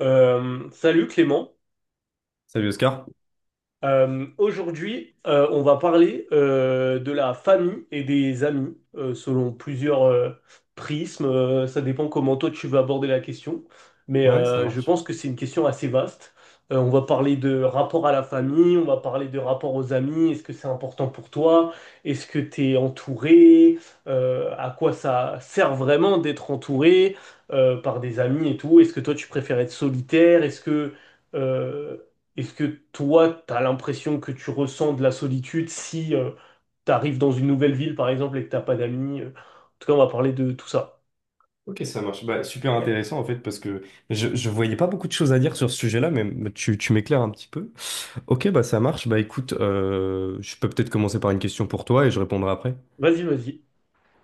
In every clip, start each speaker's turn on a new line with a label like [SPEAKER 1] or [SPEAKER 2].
[SPEAKER 1] Salut Clément,
[SPEAKER 2] Salut Oscar.
[SPEAKER 1] aujourd'hui, on va parler de la famille et des amis selon plusieurs prismes. Ça dépend comment toi tu veux aborder la question, mais
[SPEAKER 2] Ouais, ça
[SPEAKER 1] je
[SPEAKER 2] marche.
[SPEAKER 1] pense que c'est une question assez vaste. On va parler de rapport à la famille, on va parler de rapport aux amis. Est-ce que c'est important pour toi? Est-ce que tu es entouré? À quoi ça sert vraiment d'être entouré par des amis et tout? Est-ce que toi tu préfères être solitaire? Euh, est-ce que toi, t'as l'impression que tu ressens de la solitude si t'arrives dans une nouvelle ville, par exemple, et que t'as pas d'amis? En tout cas, on va parler de tout ça.
[SPEAKER 2] Ok, ça marche. Bah, super
[SPEAKER 1] Ok.
[SPEAKER 2] intéressant en fait parce que je voyais pas beaucoup de choses à dire sur ce sujet-là, mais tu m'éclaires un petit peu. Ok, bah ça marche. Bah écoute, je peux peut-être commencer par une question pour toi et je répondrai après.
[SPEAKER 1] Vas-y, vas-y.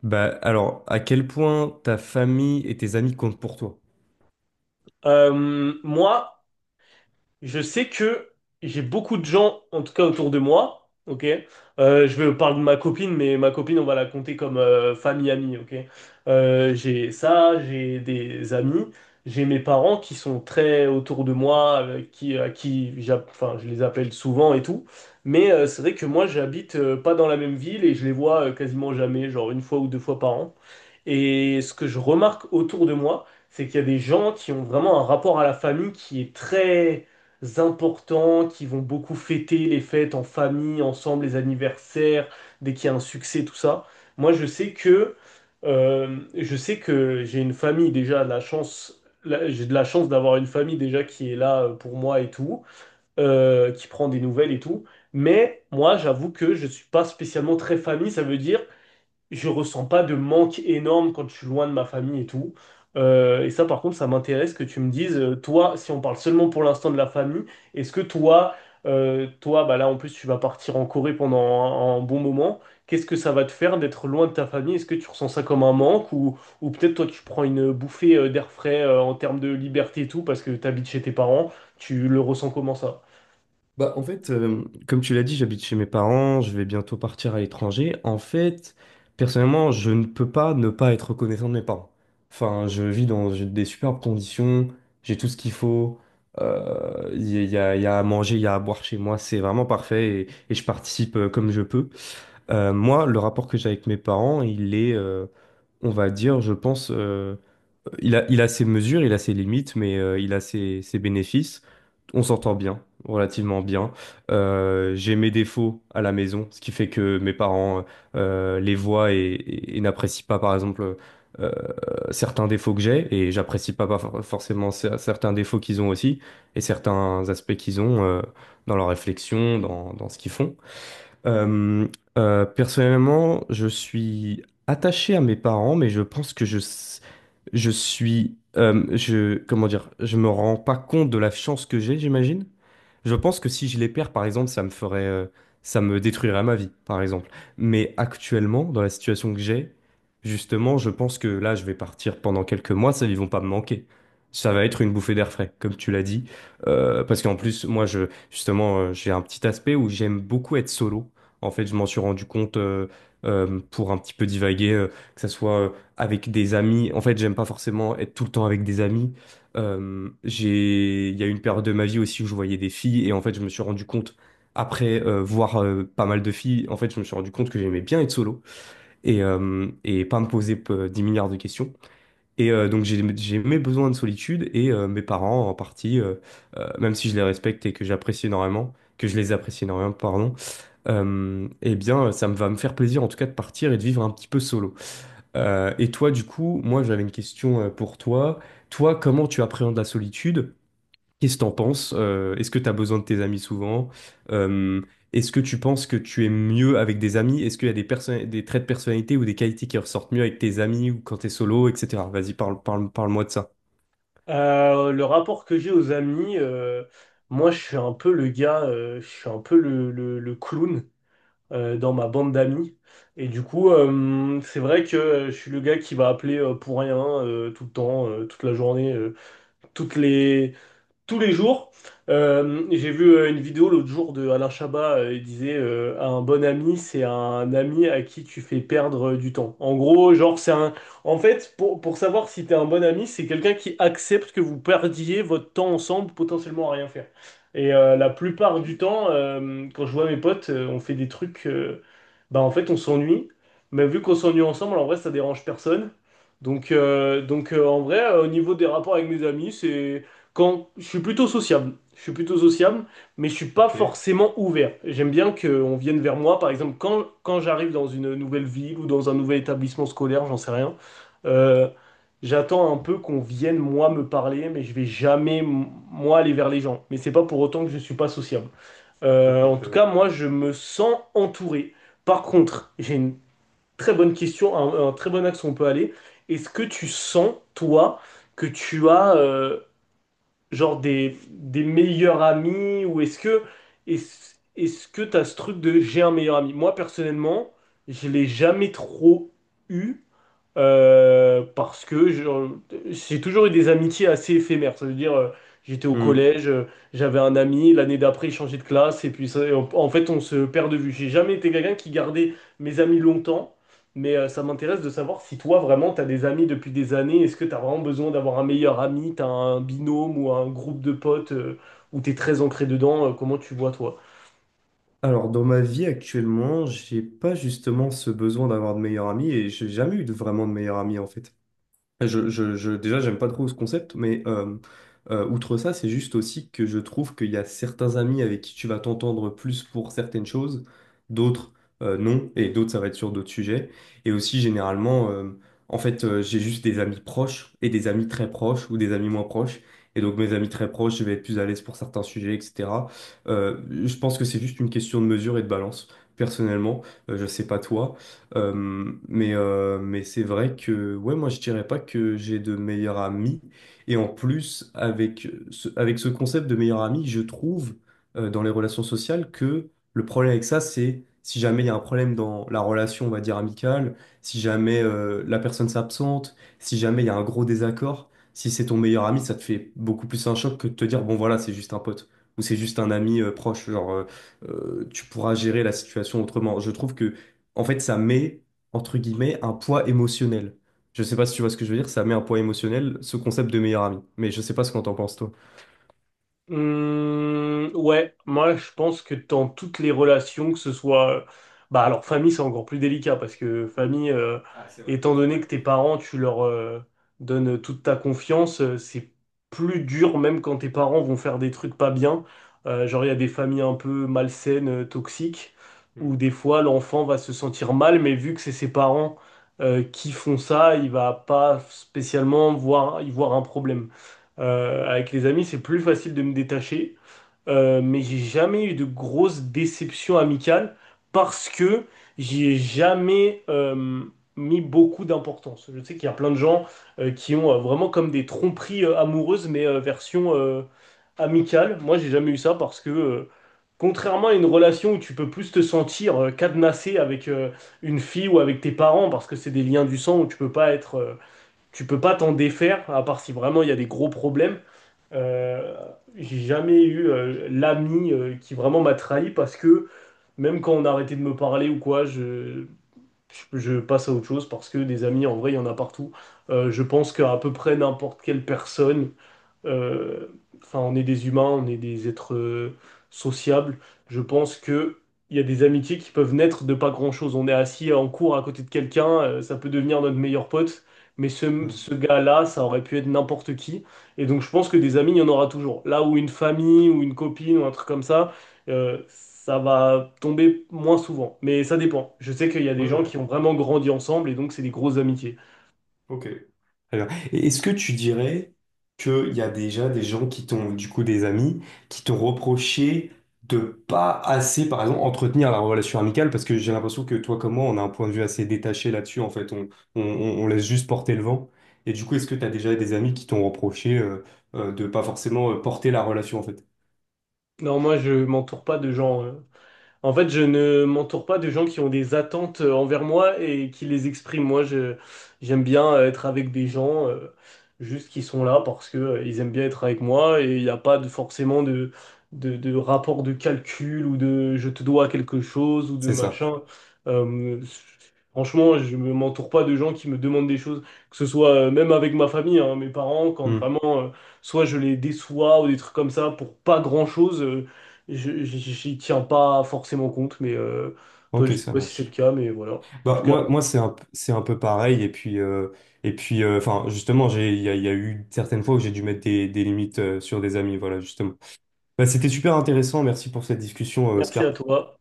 [SPEAKER 2] Bah alors, à quel point ta famille et tes amis comptent pour toi?
[SPEAKER 1] Euh, moi, Je sais que j'ai beaucoup de gens, en tout cas autour de moi, ok? Je vais parler de ma copine, mais ma copine, on va la compter comme famille, amie, ok? J'ai ça, j'ai des amis, j'ai mes parents qui sont très autour de moi, avec qui, à qui enfin, je les appelle souvent et tout. Mais c'est vrai que moi, j'habite pas dans la même ville et je les vois quasiment jamais, genre une fois ou deux fois par an. Et ce que je remarque autour de moi, c'est qu'il y a des gens qui ont vraiment un rapport à la famille qui est très importants qui vont beaucoup fêter les fêtes en famille, ensemble, les anniversaires, dès qu'il y a un succès, tout ça. Moi, je sais que j'ai une famille déjà de la chance. J'ai de la chance d'avoir une famille déjà qui est là pour moi et tout, qui prend des nouvelles et tout. Mais moi, j'avoue que je suis pas spécialement très famille. Ça veut dire je ressens pas de manque énorme quand je suis loin de ma famille et tout. Et ça, par contre, ça m'intéresse que tu me dises, toi, si on parle seulement pour l'instant de la famille, est-ce que toi, bah là, en plus, tu vas partir en Corée pendant un bon moment. Qu'est-ce que ça va te faire d'être loin de ta famille? Est-ce que tu ressens ça comme un manque ou peut-être toi, tu prends une bouffée d'air frais en termes de liberté et tout parce que tu habites chez tes parents, tu le ressens comment ça?
[SPEAKER 2] Bah, en fait, comme tu l'as dit, j'habite chez mes parents, je vais bientôt partir à l'étranger. En fait, personnellement, je ne peux pas ne pas être reconnaissant de mes parents. Enfin, je vis dans des superbes conditions, j'ai tout ce qu'il faut, il y, a, il y a- il y a à manger, il y a à boire chez moi, c'est vraiment parfait, et je participe comme je peux. Moi, le rapport que j'ai avec mes parents, il est, on va dire, je pense, il a ses mesures, il a ses limites, mais il a ses bénéfices. On s'entend bien, relativement bien. J'ai mes défauts à la maison, ce qui fait que mes parents les voient et, et n'apprécient pas, par exemple, euh, certains défauts que j'ai, et j'apprécie pas, certains défauts qu'ils ont aussi, et certains aspects qu'ils ont dans leur réflexion, dans ce qu'ils font. Euh, personnellement, je suis attaché à mes parents, mais je pense que je suis, comment dire, je me rends pas compte de la chance que j'ai, j'imagine. Je pense que si je les perds, par exemple, ça me ferait, ça me détruirait ma vie, par exemple. Mais actuellement, dans la situation que j'ai, justement, je pense que là, je vais partir pendant quelques mois, ça, ils vont pas me manquer. Ça va être une bouffée d'air frais, comme tu l'as dit. Parce qu'en plus, moi, justement, j'ai un petit aspect où j'aime beaucoup être solo. En fait, je m'en suis rendu compte pour un petit peu divaguer, que ça soit avec des amis. En fait, j'aime pas forcément être tout le temps avec des amis. Il y a eu une période de ma vie aussi où je voyais des filles et en fait, je me suis rendu compte après voir pas mal de filles. En fait, je me suis rendu compte que j'aimais bien être solo et et pas me poser 10 milliards de questions. Et donc, j'ai mes besoins de solitude et mes parents en partie, même si je les respecte et que j'apprécie énormément, que je les apprécie énormément, pardon, eh bien, ça me va me faire plaisir en tout cas de partir et de vivre un petit peu solo. Et toi, du coup, moi j'avais une question pour toi. Toi, comment tu appréhendes la solitude? Qu'est-ce que t'en penses? Est-ce que t'as besoin de tes amis souvent? Euh, Est-ce que tu penses que tu es mieux avec des amis? Est-ce qu'il y a des traits de personnalité ou des qualités qui ressortent mieux avec tes amis ou quand t'es solo, etc. Vas-y, parle-moi de ça.
[SPEAKER 1] Le rapport que j'ai aux amis, moi je suis un peu le gars, je suis un peu le clown dans ma bande d'amis. Et du coup, c'est vrai que je suis le gars qui va appeler pour rien tout le temps, toute la journée, toutes les, tous les jours. J'ai vu une vidéo l'autre jour de Alain Chabat, il disait un bon ami, c'est un ami à qui tu fais perdre du temps. En gros, genre c'est un en fait pour savoir si t'es un bon ami, c'est quelqu'un qui accepte que vous perdiez votre temps ensemble potentiellement à rien faire. Et la plupart du temps, quand je vois mes potes, on fait des trucs bah en fait on s'ennuie, mais vu qu'on s'ennuie ensemble, en vrai ça dérange personne. Donc en vrai au niveau des rapports avec mes amis, c'est quand je suis plutôt sociable, je suis plutôt sociable, mais je suis pas
[SPEAKER 2] Ok,
[SPEAKER 1] forcément ouvert. J'aime bien qu'on vienne vers moi, par exemple, quand, quand j'arrive dans une nouvelle ville ou dans un nouvel établissement scolaire, j'en sais rien. euh, J'attends un peu qu'on vienne moi me parler, mais je vais jamais moi aller vers les gens. Mais c'est pas pour autant que je suis pas sociable.
[SPEAKER 2] ok,
[SPEAKER 1] En tout
[SPEAKER 2] très
[SPEAKER 1] cas, moi, je me sens entouré. Par contre, j'ai une très bonne question, un très bon axe où on peut aller. Est-ce que tu sens, toi, que tu as genre des meilleurs amis ou est-ce que t'as ce truc de j'ai un meilleur ami? Moi personnellement, je l'ai jamais trop eu parce que j'ai toujours eu des amitiés assez éphémères. Ça veut dire, j'étais au
[SPEAKER 2] bien.
[SPEAKER 1] collège, j'avais un ami, l'année d'après, il changeait de classe, et puis en, en fait, on se perd de vue. J'ai jamais été quelqu'un qui gardait mes amis longtemps, mais ça m'intéresse de savoir si toi, vraiment, t'as des amis depuis des années. Est-ce que t'as vraiment besoin d'avoir un meilleur ami, t'as un binôme ou un groupe de potes où t'es très ancré dedans? Comment tu vois, toi?
[SPEAKER 2] Alors, dans ma vie actuellement, j'ai pas justement ce besoin d'avoir de meilleurs amis et j'ai jamais eu de, vraiment de meilleurs amis en fait. Déjà, j'aime pas trop ce concept, mais outre ça, c'est juste aussi que je trouve qu'il y a certains amis avec qui tu vas t'entendre plus pour certaines choses, d'autres non, et d'autres ça va être sur d'autres sujets. Et aussi, généralement, j'ai juste des amis proches et des amis très proches ou des amis moins proches. Et donc, mes amis très proches, je vais être plus à l'aise pour certains sujets, etc. Je pense que c'est juste une question de mesure et de balance, personnellement. Je sais pas toi. Mais c'est vrai que ouais, moi je dirais pas que j'ai de meilleurs amis. Et en plus, avec ce concept de meilleur ami, je trouve dans les relations sociales que le problème avec ça, c'est si jamais il y a un problème dans la relation, on va dire amicale, si jamais la personne s'absente, si jamais il y a un gros désaccord, si c'est ton meilleur ami, ça te fait beaucoup plus un choc que de te dire bon voilà, c'est juste un pote. Ou c'est juste un ami proche, genre tu pourras gérer la situation autrement. Je trouve que en fait, ça met, entre guillemets, un poids émotionnel. Je sais pas si tu vois ce que je veux dire, ça met un poids émotionnel, ce concept de meilleur ami. Mais je sais pas ce qu'on t'en pense, toi.
[SPEAKER 1] Ouais, moi je pense que dans toutes les relations, que ce soit... Bah alors famille c'est encore plus délicat parce que famille, étant donné que tes parents, tu leur donnes toute ta confiance, c'est plus dur même quand tes parents vont faire des trucs pas bien. Genre il y a des familles un peu malsaines, toxiques, où
[SPEAKER 2] Mm,
[SPEAKER 1] des fois l'enfant va se sentir mal, mais vu que c'est ses parents qui font ça, il va pas spécialement voir, y voir un problème. Avec les amis, c'est plus facile de me détacher. Mais j'ai jamais eu de grosses déceptions amicales parce que j'y ai jamais mis beaucoup d'importance. Je sais qu'il y a plein de gens qui ont vraiment comme des tromperies amoureuses, mais version amicale. Moi, j'ai jamais eu ça parce que contrairement à une relation où tu peux plus te sentir cadenassé avec une fille ou avec tes parents parce que c'est des liens du sang où tu peux pas être, tu peux pas t'en défaire à part si vraiment il y a des gros problèmes. Euh, j'ai jamais eu l'ami qui vraiment m'a trahi parce que même quand on a arrêté de me parler ou quoi, je passe à autre chose parce que des amis, en vrai, il y en a partout. Je pense qu'à peu près n'importe quelle personne euh, enfin, on est des humains, on est des êtres sociables. Je pense que il y a des amitiés qui peuvent naître de pas grand-chose. On est assis en cours à côté de quelqu'un, ça peut devenir notre meilleur pote, mais
[SPEAKER 2] mm.
[SPEAKER 1] ce gars-là, ça aurait pu être n'importe qui. Et donc, je pense que des amis, il y en aura toujours. Là où une famille ou une copine ou un truc comme ça, ça va tomber moins souvent. Mais ça dépend. Je sais qu'il y a des
[SPEAKER 2] Ouais,
[SPEAKER 1] gens
[SPEAKER 2] ouais.
[SPEAKER 1] qui ont vraiment grandi ensemble et donc c'est des grosses amitiés.
[SPEAKER 2] Ok. Très bien. Et est-ce que tu dirais qu'il y a déjà des gens qui t'ont, du coup, des amis, qui t'ont reproché de pas assez, par exemple, entretenir la relation amicale? Parce que j'ai l'impression que toi, comme moi, on a un point de vue assez détaché là-dessus. En fait, on laisse juste porter le vent. Et du coup, est-ce que tu as déjà des amis qui t'ont reproché de pas forcément porter la relation, en fait?
[SPEAKER 1] Non, moi, je m'entoure pas de gens. En fait, je ne m'entoure pas de gens qui ont des attentes envers moi et qui les expriment. J'aime bien être avec des gens juste qui sont là parce que ils aiment bien être avec moi et il n'y a pas forcément de rapport de calcul ou de je te dois quelque chose ou de
[SPEAKER 2] C'est ça.
[SPEAKER 1] machin. Euh, Franchement, je ne m'entoure pas de gens qui me demandent des choses, que ce soit même avec ma famille, hein, mes parents, quand
[SPEAKER 2] Hmm.
[SPEAKER 1] vraiment, soit je les déçois ou des trucs comme ça pour pas grand-chose. J'y tiens pas forcément compte, mais toi, je
[SPEAKER 2] Ok,
[SPEAKER 1] sais
[SPEAKER 2] ça
[SPEAKER 1] pas si c'est le
[SPEAKER 2] marche.
[SPEAKER 1] cas, mais voilà. En tout
[SPEAKER 2] Bah,
[SPEAKER 1] cas,
[SPEAKER 2] moi c'est c'est un peu pareil. Et puis, enfin, justement, j'ai, il y a eu certaines fois où j'ai dû mettre des limites sur des amis. Voilà, justement. Bah, c'était super intéressant. Merci pour cette discussion,
[SPEAKER 1] merci à
[SPEAKER 2] Oscar.
[SPEAKER 1] toi.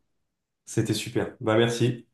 [SPEAKER 2] C'était super. Bah, merci.